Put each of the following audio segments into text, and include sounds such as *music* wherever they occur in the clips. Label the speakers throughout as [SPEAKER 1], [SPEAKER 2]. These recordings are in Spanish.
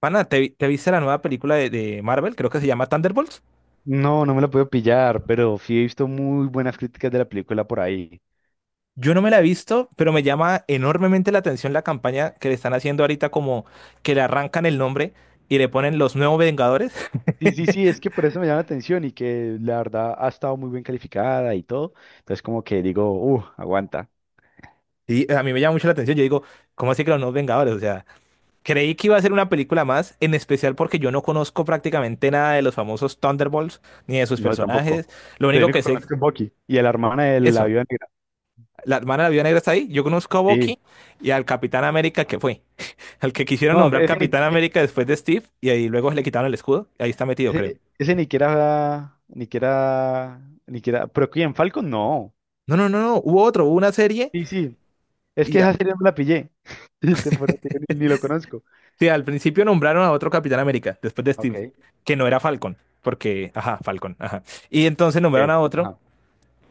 [SPEAKER 1] Pana, ¿te viste la nueva película de Marvel? Creo que se llama Thunderbolts.
[SPEAKER 2] No, no me la puedo pillar, pero sí he visto muy buenas críticas de la película por ahí.
[SPEAKER 1] Yo no me la he visto, pero me llama enormemente la atención la campaña que le están haciendo ahorita, como que le arrancan el nombre y le ponen los nuevos Vengadores.
[SPEAKER 2] Sí, sí,
[SPEAKER 1] *laughs*
[SPEAKER 2] sí, es que por eso me llama la atención y que la verdad ha estado muy bien calificada y todo. Entonces como que digo, aguanta.
[SPEAKER 1] Y a mí me llama mucho la atención. Yo digo, ¿cómo así que los nuevos Vengadores? O sea, creí que iba a ser una película más, en especial porque yo no conozco prácticamente nada de los famosos Thunderbolts ni de sus
[SPEAKER 2] No, yo tampoco.
[SPEAKER 1] personajes. Lo
[SPEAKER 2] Te
[SPEAKER 1] único que
[SPEAKER 2] único que
[SPEAKER 1] sé,
[SPEAKER 2] conozco es Bucky y a la hermana de la
[SPEAKER 1] eso,
[SPEAKER 2] viuda negra.
[SPEAKER 1] la hermana de la Viuda Negra está ahí. Yo conozco a
[SPEAKER 2] Sí.
[SPEAKER 1] Bucky y al Capitán América que fue. Al que quisieron
[SPEAKER 2] No,
[SPEAKER 1] nombrar
[SPEAKER 2] ese ni,
[SPEAKER 1] Capitán América después de Steve y ahí luego le quitaron el escudo. Y Ahí está metido, creo.
[SPEAKER 2] ese ni que era, ni que era, ni que era, pero ¿quién? ¿Falcon? No.
[SPEAKER 1] No, no, no, no. Hubo otro, hubo una serie
[SPEAKER 2] Sí, sí. Es que
[SPEAKER 1] y
[SPEAKER 2] esa serie no me la pillé. *laughs* Te juro que ni lo conozco.
[SPEAKER 1] sí, al principio nombraron a otro Capitán América después de
[SPEAKER 2] Ok.
[SPEAKER 1] Steve, que no era Falcon, porque, ajá, Falcon, ajá. Y entonces nombraron a otro
[SPEAKER 2] Ajá.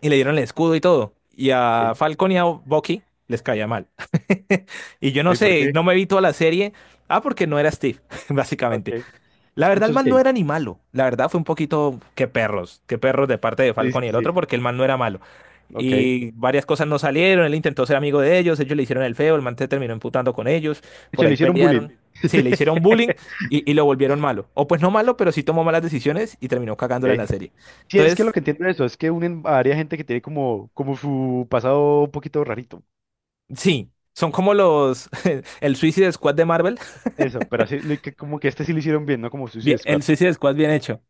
[SPEAKER 1] y le dieron el escudo y todo. Y a
[SPEAKER 2] Sí.
[SPEAKER 1] Falcon y a Bucky les caía mal. *laughs* Y yo no
[SPEAKER 2] ¿Y por
[SPEAKER 1] sé,
[SPEAKER 2] qué?
[SPEAKER 1] no me vi toda la serie. Ah, porque no era Steve, *laughs*
[SPEAKER 2] Ok.
[SPEAKER 1] básicamente. La verdad, el
[SPEAKER 2] Muchos
[SPEAKER 1] man no
[SPEAKER 2] gays.
[SPEAKER 1] era ni malo. La verdad fue un poquito que perros de parte de
[SPEAKER 2] Sí, sí,
[SPEAKER 1] Falcon y el
[SPEAKER 2] sí.
[SPEAKER 1] otro, porque el man no era malo.
[SPEAKER 2] Ok. De
[SPEAKER 1] Y varias cosas no salieron, él intentó ser amigo de ellos, ellos le hicieron el feo, el man se terminó emputando con ellos, por
[SPEAKER 2] hecho, le
[SPEAKER 1] ahí
[SPEAKER 2] hicieron bullying.
[SPEAKER 1] pelearon. Sí, le hicieron bullying
[SPEAKER 2] *laughs*
[SPEAKER 1] y lo volvieron malo. O pues no malo, pero sí tomó malas decisiones y terminó cagándola en la
[SPEAKER 2] Ok.
[SPEAKER 1] serie.
[SPEAKER 2] Sí, es que lo
[SPEAKER 1] Entonces,
[SPEAKER 2] que entiendo de eso es que unen a varias gente que tiene como su pasado un poquito rarito.
[SPEAKER 1] sí, son como los... *laughs* el Suicide Squad de Marvel.
[SPEAKER 2] Eso, pero así, que como que este sí lo hicieron bien, ¿no? Como
[SPEAKER 1] Bien,
[SPEAKER 2] Suicide
[SPEAKER 1] el
[SPEAKER 2] Squad.
[SPEAKER 1] Suicide Squad bien hecho.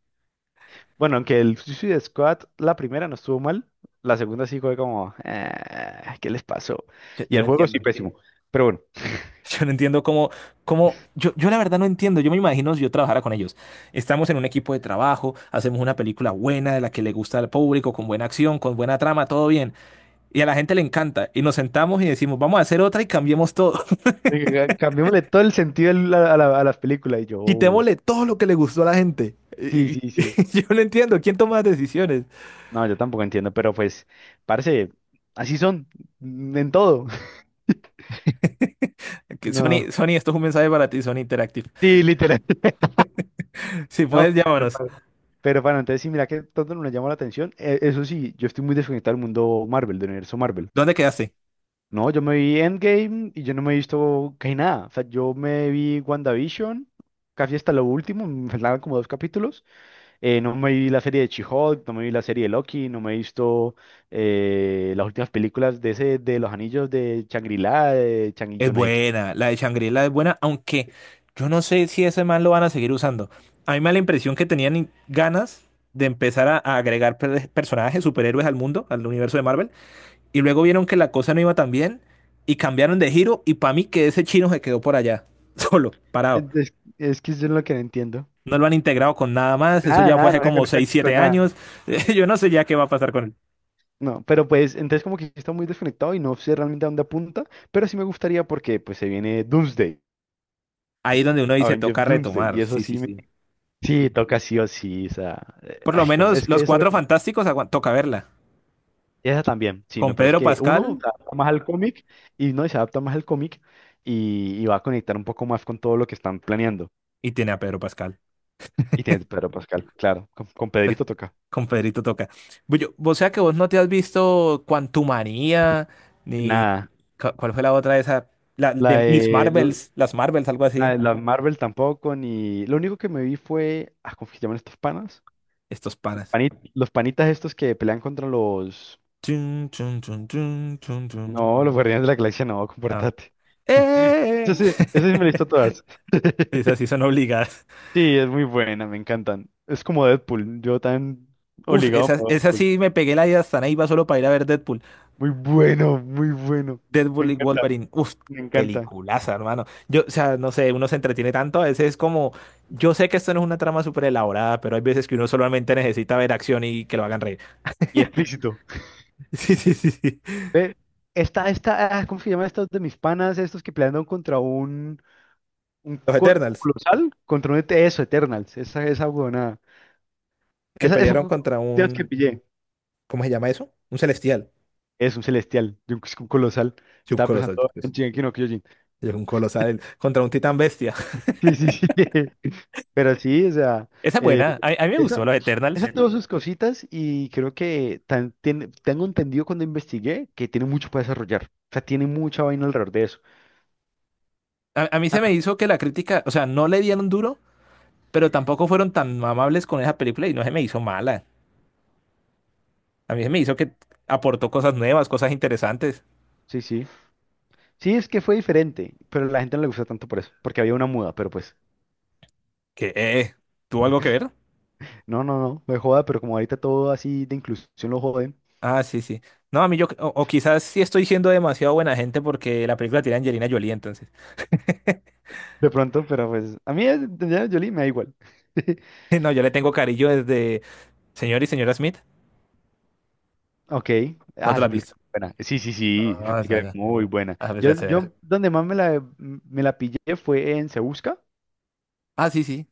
[SPEAKER 2] Bueno, aunque el Suicide Squad, la primera no estuvo mal, la segunda sí fue como, "Ah, ¿qué les pasó?
[SPEAKER 1] Yo,
[SPEAKER 2] Y
[SPEAKER 1] yo
[SPEAKER 2] el
[SPEAKER 1] no
[SPEAKER 2] juego sí
[SPEAKER 1] entiendo.
[SPEAKER 2] pésimo. Pero bueno,
[SPEAKER 1] *laughs* Yo no entiendo yo la verdad no entiendo, yo me imagino si yo trabajara con ellos. Estamos en un equipo de trabajo, hacemos una película buena, de la que le gusta al público, con buena acción, con buena trama, todo bien. Y a la gente le encanta. Y nos sentamos y decimos, vamos a hacer otra y cambiemos todo.
[SPEAKER 2] *laughs* cambiémosle todo el sentido a a las películas. Y yo,
[SPEAKER 1] *laughs*
[SPEAKER 2] "Oh,
[SPEAKER 1] Quitémosle todo lo que le gustó a la gente.
[SPEAKER 2] sí, sí, sí.
[SPEAKER 1] *laughs* Yo no entiendo, ¿quién toma las decisiones?
[SPEAKER 2] No, yo tampoco entiendo, pero pues, parce, así son en todo. *laughs*
[SPEAKER 1] Que
[SPEAKER 2] No.
[SPEAKER 1] Sony, Sony, esto es un mensaje para ti, Sony Interactive.
[SPEAKER 2] Sí, literal. *laughs*
[SPEAKER 1] Si puedes,
[SPEAKER 2] No, pero
[SPEAKER 1] llámanos.
[SPEAKER 2] pa- pero bueno, entonces sí, mira que tanto nos llamó la atención. Eso sí, yo estoy muy desconectado del mundo Marvel, del universo Marvel.
[SPEAKER 1] ¿Dónde quedaste?
[SPEAKER 2] No, yo me vi Endgame y yo no me he visto casi nada. O sea, yo me vi WandaVision, casi hasta lo último, *laughs* me faltaban como dos capítulos. No me vi la serie de She-Hulk, no me vi la serie de Loki, no me he visto las últimas películas de ese, de los anillos de Shangri-La, de Changi,
[SPEAKER 1] Es
[SPEAKER 2] yo no sé qué.
[SPEAKER 1] buena, la de Shangri-La es buena, aunque yo no sé si ese man lo van a seguir usando. A mí me da la impresión que tenían ganas de empezar a agregar personajes, superhéroes al mundo, al universo de Marvel, y luego vieron que la cosa no iba tan bien y cambiaron de giro y para mí que ese chino se quedó por allá, *laughs* solo, parado.
[SPEAKER 2] Entonces, es que yo es lo que no entiendo.
[SPEAKER 1] No lo han integrado con nada más, eso
[SPEAKER 2] Nada,
[SPEAKER 1] ya fue
[SPEAKER 2] nada,
[SPEAKER 1] hace
[SPEAKER 2] no se
[SPEAKER 1] como
[SPEAKER 2] conecta
[SPEAKER 1] 6,
[SPEAKER 2] con
[SPEAKER 1] 7
[SPEAKER 2] nada.
[SPEAKER 1] años, *laughs* yo no sé ya qué va a pasar con él.
[SPEAKER 2] No, pero pues, entonces como que está muy desconectado y no sé realmente a dónde apunta, pero sí me gustaría porque pues se viene Doomsday,
[SPEAKER 1] Ahí es
[SPEAKER 2] ¿sí?
[SPEAKER 1] donde uno dice, toca
[SPEAKER 2] Avengers Doomsday, y
[SPEAKER 1] retomar,
[SPEAKER 2] eso
[SPEAKER 1] sí, sí,
[SPEAKER 2] sí, me...
[SPEAKER 1] sí.
[SPEAKER 2] sí, toca sí o sí, o sea,
[SPEAKER 1] Por lo
[SPEAKER 2] ay,
[SPEAKER 1] menos
[SPEAKER 2] es que
[SPEAKER 1] los
[SPEAKER 2] eso es lo
[SPEAKER 1] Cuatro
[SPEAKER 2] que...
[SPEAKER 1] Fantásticos toca verla.
[SPEAKER 2] Esa también, sí, me
[SPEAKER 1] Con
[SPEAKER 2] parece
[SPEAKER 1] Pedro
[SPEAKER 2] que uno
[SPEAKER 1] Pascal.
[SPEAKER 2] se adapta más al cómic y no y se adapta más al cómic y va a conectar un poco más con todo lo que están planeando.
[SPEAKER 1] Y tiene a Pedro Pascal.
[SPEAKER 2] Y tiene Pedro Pascal, claro, con Pedrito toca.
[SPEAKER 1] Con Pedrito toca. Bullo, o sea que vos no te has visto Quantumania.
[SPEAKER 2] Nada,
[SPEAKER 1] ¿Cuál fue la otra de esa? La
[SPEAKER 2] la
[SPEAKER 1] de Miss
[SPEAKER 2] de, l-
[SPEAKER 1] Marvels, las Marvels, algo
[SPEAKER 2] la
[SPEAKER 1] así.
[SPEAKER 2] de la Marvel tampoco, ni... Lo único que me vi fue, ah, ¿cómo que se llaman estos panas?
[SPEAKER 1] Estos panas.
[SPEAKER 2] Los panitas estos que pelean contra los...
[SPEAKER 1] Chun, chun, chun, chun, chun, chun.
[SPEAKER 2] No, los Guardianes de la Galaxia, no,
[SPEAKER 1] Ah.
[SPEAKER 2] comportate. *laughs*
[SPEAKER 1] ¡Eh!
[SPEAKER 2] Eso sí, eso sí me listo
[SPEAKER 1] *laughs*
[SPEAKER 2] todas. *laughs*
[SPEAKER 1] Esas sí son obligadas.
[SPEAKER 2] Sí, es muy buena, me encantan. Es como Deadpool, yo tan
[SPEAKER 1] Uf,
[SPEAKER 2] obligado me
[SPEAKER 1] esas,
[SPEAKER 2] voy a
[SPEAKER 1] esas
[SPEAKER 2] Deadpool.
[SPEAKER 1] sí me pegué la idea hasta ahí iba solo para ir a ver Deadpool.
[SPEAKER 2] Muy bueno, muy bueno. Me
[SPEAKER 1] Deadpool y
[SPEAKER 2] encanta,
[SPEAKER 1] Wolverine. Uf,
[SPEAKER 2] me encanta.
[SPEAKER 1] peliculaza, hermano. Yo, o sea, no sé, uno se entretiene tanto. A veces es como, yo sé que esto no es una trama súper elaborada, pero hay veces que uno solamente necesita ver acción y que lo hagan reír.
[SPEAKER 2] Y explícito.
[SPEAKER 1] *laughs* Sí, sí, sí, sí.
[SPEAKER 2] Ve, esta, ah, ¿cómo se llama estos de mis panas? Estos que pelearon contra un,
[SPEAKER 1] Los Eternals,
[SPEAKER 2] colosal, contra un ET, eso, Eternals. Esa huevonada.
[SPEAKER 1] que
[SPEAKER 2] Esa
[SPEAKER 1] pelearon
[SPEAKER 2] fue
[SPEAKER 1] contra
[SPEAKER 2] de que pillé.
[SPEAKER 1] ¿cómo se llama eso? Un celestial.
[SPEAKER 2] Es un celestial, de un, es un colosal.
[SPEAKER 1] Sí, un
[SPEAKER 2] Estaba
[SPEAKER 1] colosal,
[SPEAKER 2] pensando en
[SPEAKER 1] pues.
[SPEAKER 2] Shingeki no Kyojin. *laughs*
[SPEAKER 1] Sí, un colosal contra un titán bestia. *laughs*
[SPEAKER 2] Sí, sí, sí. *laughs* Pero sí, o sea,
[SPEAKER 1] Esa es buena. A mí me gustó
[SPEAKER 2] Esa,
[SPEAKER 1] los
[SPEAKER 2] esa
[SPEAKER 1] Eternals.
[SPEAKER 2] Dime. Tuvo sus cositas y creo que tengo entendido cuando investigué que tiene mucho para desarrollar. O sea, tiene mucha vaina alrededor de eso.
[SPEAKER 1] A mí se me
[SPEAKER 2] Ah,
[SPEAKER 1] hizo que la crítica, o sea, no le dieron duro, pero tampoco fueron tan amables con esa película y no se me hizo mala. A mí se me hizo que aportó cosas nuevas, cosas interesantes.
[SPEAKER 2] sí, sí. Sí, es que fue diferente, pero a la gente no le gusta tanto por eso, porque había una muda, pero pues,
[SPEAKER 1] Que, ¿tuvo algo que ver?
[SPEAKER 2] no, no, no, me joda, pero como ahorita todo así de inclusión lo joden,
[SPEAKER 1] Ah, sí, sí. No, a mí yo, o quizás sí estoy siendo demasiado buena gente porque la película tiene a Angelina Jolie, entonces.
[SPEAKER 2] de pronto, pero pues, de Jolie me da igual. *laughs*
[SPEAKER 1] *laughs* No, yo le tengo cariño desde Señor y Señora Smith.
[SPEAKER 2] Ok,
[SPEAKER 1] ¿No
[SPEAKER 2] ah,
[SPEAKER 1] te la
[SPEAKER 2] esa
[SPEAKER 1] has visto?
[SPEAKER 2] película es buena. Sí, sí, sí, esa
[SPEAKER 1] Ah, esa
[SPEAKER 2] película es
[SPEAKER 1] esa
[SPEAKER 2] muy buena.
[SPEAKER 1] A
[SPEAKER 2] Yo,
[SPEAKER 1] ver, se verá.
[SPEAKER 2] yo donde más me la pillé fue en Se Busca,
[SPEAKER 1] Ah, sí, sí.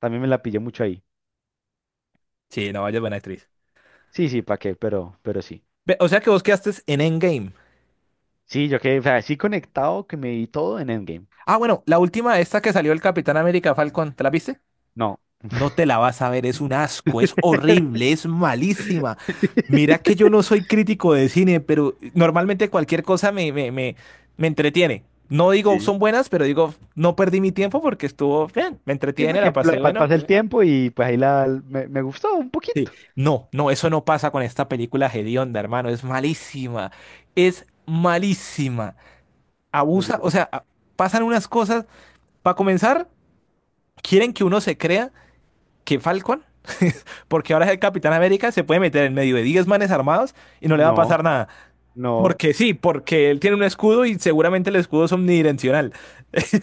[SPEAKER 2] también me la pillé mucho ahí.
[SPEAKER 1] Sí, no, vaya buena actriz.
[SPEAKER 2] Sí, sí, ¿para qué? Pero sí.
[SPEAKER 1] Ve, o sea que vos quedaste en Endgame.
[SPEAKER 2] Sí, yo quedé, o sea, sí conectado que me di todo en Endgame.
[SPEAKER 1] Ah, bueno, la última, esta que salió el Capitán América Falcon, ¿te la viste?
[SPEAKER 2] No.
[SPEAKER 1] No te la vas a ver, es un asco, es horrible, es malísima.
[SPEAKER 2] *laughs*
[SPEAKER 1] Mira que yo no soy crítico de cine, pero normalmente cualquier cosa me entretiene. No digo
[SPEAKER 2] Sí.
[SPEAKER 1] son buenas, pero digo, no perdí mi tiempo porque estuvo bien, me
[SPEAKER 2] Sí,
[SPEAKER 1] entretiene, la
[SPEAKER 2] porque *laughs*
[SPEAKER 1] pasé bueno.
[SPEAKER 2] pasé el tiempo y pues ahí me gustó un
[SPEAKER 1] Sí.
[SPEAKER 2] poquito.
[SPEAKER 1] No, no, eso no pasa con esta película hedionda, hermano, es malísima, es malísima. Abusa, o sea, pasan unas cosas. Para comenzar, quieren que uno se crea. Que Falcon, *laughs* porque ahora es el Capitán América, se puede meter en medio de 10 manes armados y no le va a
[SPEAKER 2] No,
[SPEAKER 1] pasar nada.
[SPEAKER 2] no,
[SPEAKER 1] Porque sí, porque él tiene un escudo y seguramente el escudo es omnidireccional.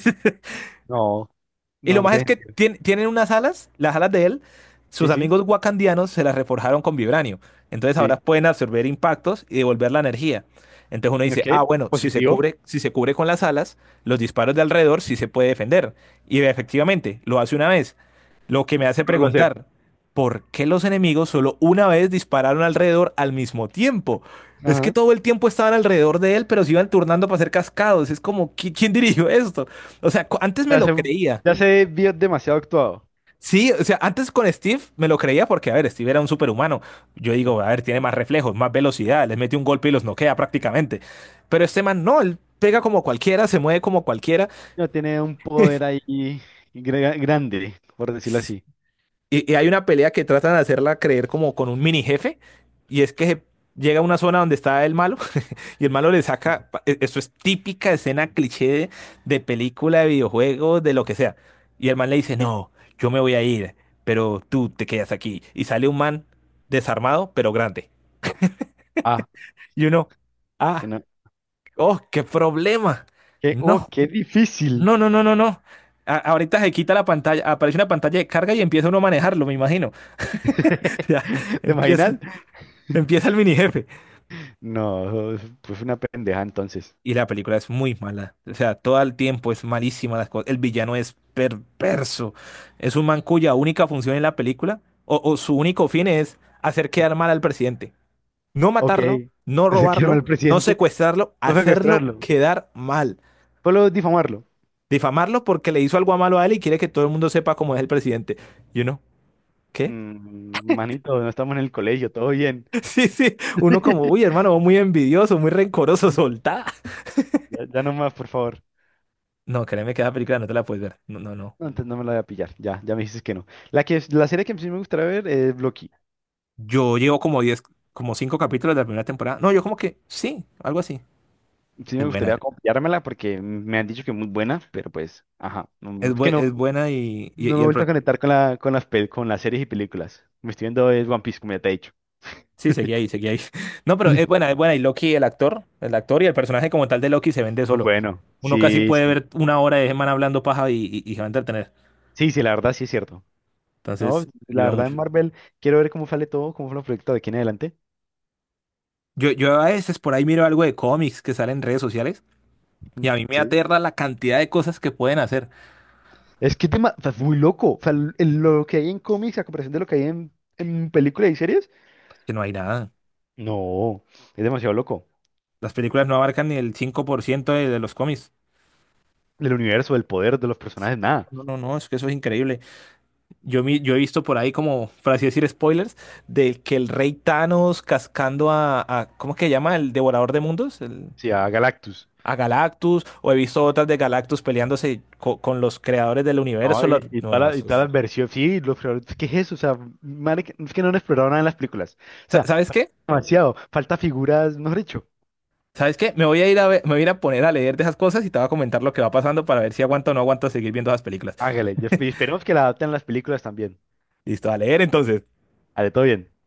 [SPEAKER 1] *laughs*
[SPEAKER 2] no,
[SPEAKER 1] Y
[SPEAKER 2] no,
[SPEAKER 1] lo
[SPEAKER 2] no
[SPEAKER 1] más es
[SPEAKER 2] tiene
[SPEAKER 1] que
[SPEAKER 2] sentido.
[SPEAKER 1] tienen unas alas, las alas de él, sus
[SPEAKER 2] Sí, sí,
[SPEAKER 1] amigos wakandianos se las reforjaron con vibranio. Entonces
[SPEAKER 2] sí.
[SPEAKER 1] ahora pueden absorber impactos y devolver la energía. Entonces uno dice,
[SPEAKER 2] Ok,
[SPEAKER 1] ah, bueno, si se
[SPEAKER 2] positivo.
[SPEAKER 1] cubre, si se cubre con las alas, los disparos de alrededor sí se puede defender. Y efectivamente, lo hace una vez. Lo que me hace
[SPEAKER 2] Lo va a hacer.
[SPEAKER 1] preguntar, ¿por qué los enemigos solo una vez dispararon alrededor al mismo tiempo? Es que
[SPEAKER 2] Ajá.
[SPEAKER 1] todo el tiempo estaban alrededor de él, pero se iban turnando para ser cascados. Es como, ¿quién dirigió esto? O sea, antes me
[SPEAKER 2] Ya
[SPEAKER 1] lo
[SPEAKER 2] se,
[SPEAKER 1] creía.
[SPEAKER 2] ya se vio demasiado actuado.
[SPEAKER 1] Sí, o sea, antes con Steve me lo creía porque, a ver, Steve era un superhumano. Yo
[SPEAKER 2] Mm.
[SPEAKER 1] digo, a ver, tiene más reflejos, más velocidad, les mete un golpe y los noquea prácticamente. Pero este man no, él pega como cualquiera, se mueve como cualquiera.
[SPEAKER 2] Ya tiene un poder ahí grande, por decirlo así.
[SPEAKER 1] Y hay una pelea que tratan de hacerla creer como con un mini jefe. Y es que llega a una zona donde está el malo *laughs* y el malo le saca, eso es típica escena cliché de película, de videojuegos, de lo que sea. Y el man le dice,
[SPEAKER 2] Sí.
[SPEAKER 1] no, yo me voy a ir, pero tú te quedas aquí. Y sale un man desarmado, pero grande.
[SPEAKER 2] Ah,
[SPEAKER 1] Y uno,
[SPEAKER 2] que
[SPEAKER 1] ah,
[SPEAKER 2] no-
[SPEAKER 1] oh, qué problema.
[SPEAKER 2] que- oh,
[SPEAKER 1] No,
[SPEAKER 2] qué difícil.
[SPEAKER 1] no, no, no, no, no. Ahorita se quita la pantalla, aparece una pantalla de carga y empieza uno a manejarlo, me imagino. *laughs* O sea,
[SPEAKER 2] *laughs* ¿Te
[SPEAKER 1] empieza,
[SPEAKER 2] imaginas?
[SPEAKER 1] empieza el mini jefe.
[SPEAKER 2] No, fue una pendeja entonces.
[SPEAKER 1] Y la película es muy mala. O sea, todo el tiempo es malísima las cosas. El villano es perverso. Es un man cuya única función en la película, o su único fin es hacer quedar mal al presidente. No
[SPEAKER 2] Ok,
[SPEAKER 1] matarlo, no
[SPEAKER 2] *laughs* quiero
[SPEAKER 1] robarlo,
[SPEAKER 2] al
[SPEAKER 1] no
[SPEAKER 2] presidente,
[SPEAKER 1] secuestrarlo,
[SPEAKER 2] no
[SPEAKER 1] hacerlo
[SPEAKER 2] secuestrarlo,
[SPEAKER 1] quedar mal.
[SPEAKER 2] solo difamarlo.
[SPEAKER 1] Difamarlo porque le hizo algo malo a él y quiere que todo el mundo sepa cómo es el presidente. Y uno, ¿qué?
[SPEAKER 2] Mm, manito, no estamos en el colegio, todo bien.
[SPEAKER 1] *laughs* Sí, sí. Uno como, uy,
[SPEAKER 2] *laughs*
[SPEAKER 1] hermano, vos muy envidioso, muy rencoroso, soltá.
[SPEAKER 2] Ya, ya no más, por favor.
[SPEAKER 1] No, créeme que esa película no te la puedes ver. No, no, no.
[SPEAKER 2] No, antes no me la voy a pillar, ya, ya me dices que no. La serie que sí me gustaría ver es Loki.
[SPEAKER 1] Yo llevo como 10, como 5 capítulos de la primera temporada. No, yo como que, sí, algo así.
[SPEAKER 2] Sí me
[SPEAKER 1] Es
[SPEAKER 2] gustaría
[SPEAKER 1] buena.
[SPEAKER 2] copiármela porque me han dicho que es muy buena, pero pues, ajá,
[SPEAKER 1] Es,
[SPEAKER 2] es que no,
[SPEAKER 1] es buena y,
[SPEAKER 2] no
[SPEAKER 1] y,
[SPEAKER 2] me
[SPEAKER 1] y
[SPEAKER 2] he
[SPEAKER 1] el...
[SPEAKER 2] vuelto a conectar con con con las series y películas. Me estoy viendo es One Piece, como ya te he dicho.
[SPEAKER 1] Sí, seguí ahí, seguí ahí. *laughs* No, pero es buena, es buena. Y Loki, el actor y el personaje como tal de Loki se vende solo.
[SPEAKER 2] Bueno,
[SPEAKER 1] Uno casi
[SPEAKER 2] sí,
[SPEAKER 1] puede
[SPEAKER 2] sí.
[SPEAKER 1] ver una hora de ese man hablando paja y se va a entretener.
[SPEAKER 2] Sí, sí, la verdad sí es cierto. No,
[SPEAKER 1] Entonces,
[SPEAKER 2] la
[SPEAKER 1] ayuda
[SPEAKER 2] verdad
[SPEAKER 1] mucho.
[SPEAKER 2] en Marvel quiero ver cómo sale todo, cómo fue el proyecto de aquí en adelante.
[SPEAKER 1] Yo a veces por ahí miro algo de cómics que salen en redes sociales y
[SPEAKER 2] Mm,
[SPEAKER 1] a mí me
[SPEAKER 2] sí.
[SPEAKER 1] aterra la cantidad de cosas que pueden hacer,
[SPEAKER 2] Es que tema, o sea, es muy loco. O sea, lo que hay en cómics a comparación de lo que hay en películas y series.
[SPEAKER 1] que no hay nada.
[SPEAKER 2] No, es demasiado loco.
[SPEAKER 1] Las películas no abarcan ni el 5% de los cómics.
[SPEAKER 2] El universo, el poder de los personajes, nada.
[SPEAKER 1] No, no, no, es que eso es increíble. Yo he visto por ahí como, por así decir, spoilers, de que el rey Thanos cascando ¿cómo que se llama? El devorador de mundos,
[SPEAKER 2] Sí, a Galactus.
[SPEAKER 1] a Galactus, o he visto otras de Galactus peleándose con los creadores del
[SPEAKER 2] No,
[SPEAKER 1] universo.
[SPEAKER 2] y
[SPEAKER 1] No,
[SPEAKER 2] toda
[SPEAKER 1] no,
[SPEAKER 2] la
[SPEAKER 1] eso
[SPEAKER 2] toda
[SPEAKER 1] es-
[SPEAKER 2] la versión, sí, los, ¿qué es eso? O sea, es que no han explorado nada en las películas. O sea,
[SPEAKER 1] ¿Sabes
[SPEAKER 2] falta
[SPEAKER 1] qué?
[SPEAKER 2] demasiado, falta figuras, mejor dicho.
[SPEAKER 1] ¿Sabes qué? Me voy a ir a poner a leer de esas cosas y te voy a comentar lo que va pasando para ver si aguanto o no aguanto seguir viendo esas películas.
[SPEAKER 2] Hágale, y y esperemos que la adapten a las películas también.
[SPEAKER 1] Listo, a leer entonces.
[SPEAKER 2] Ale, todo bien.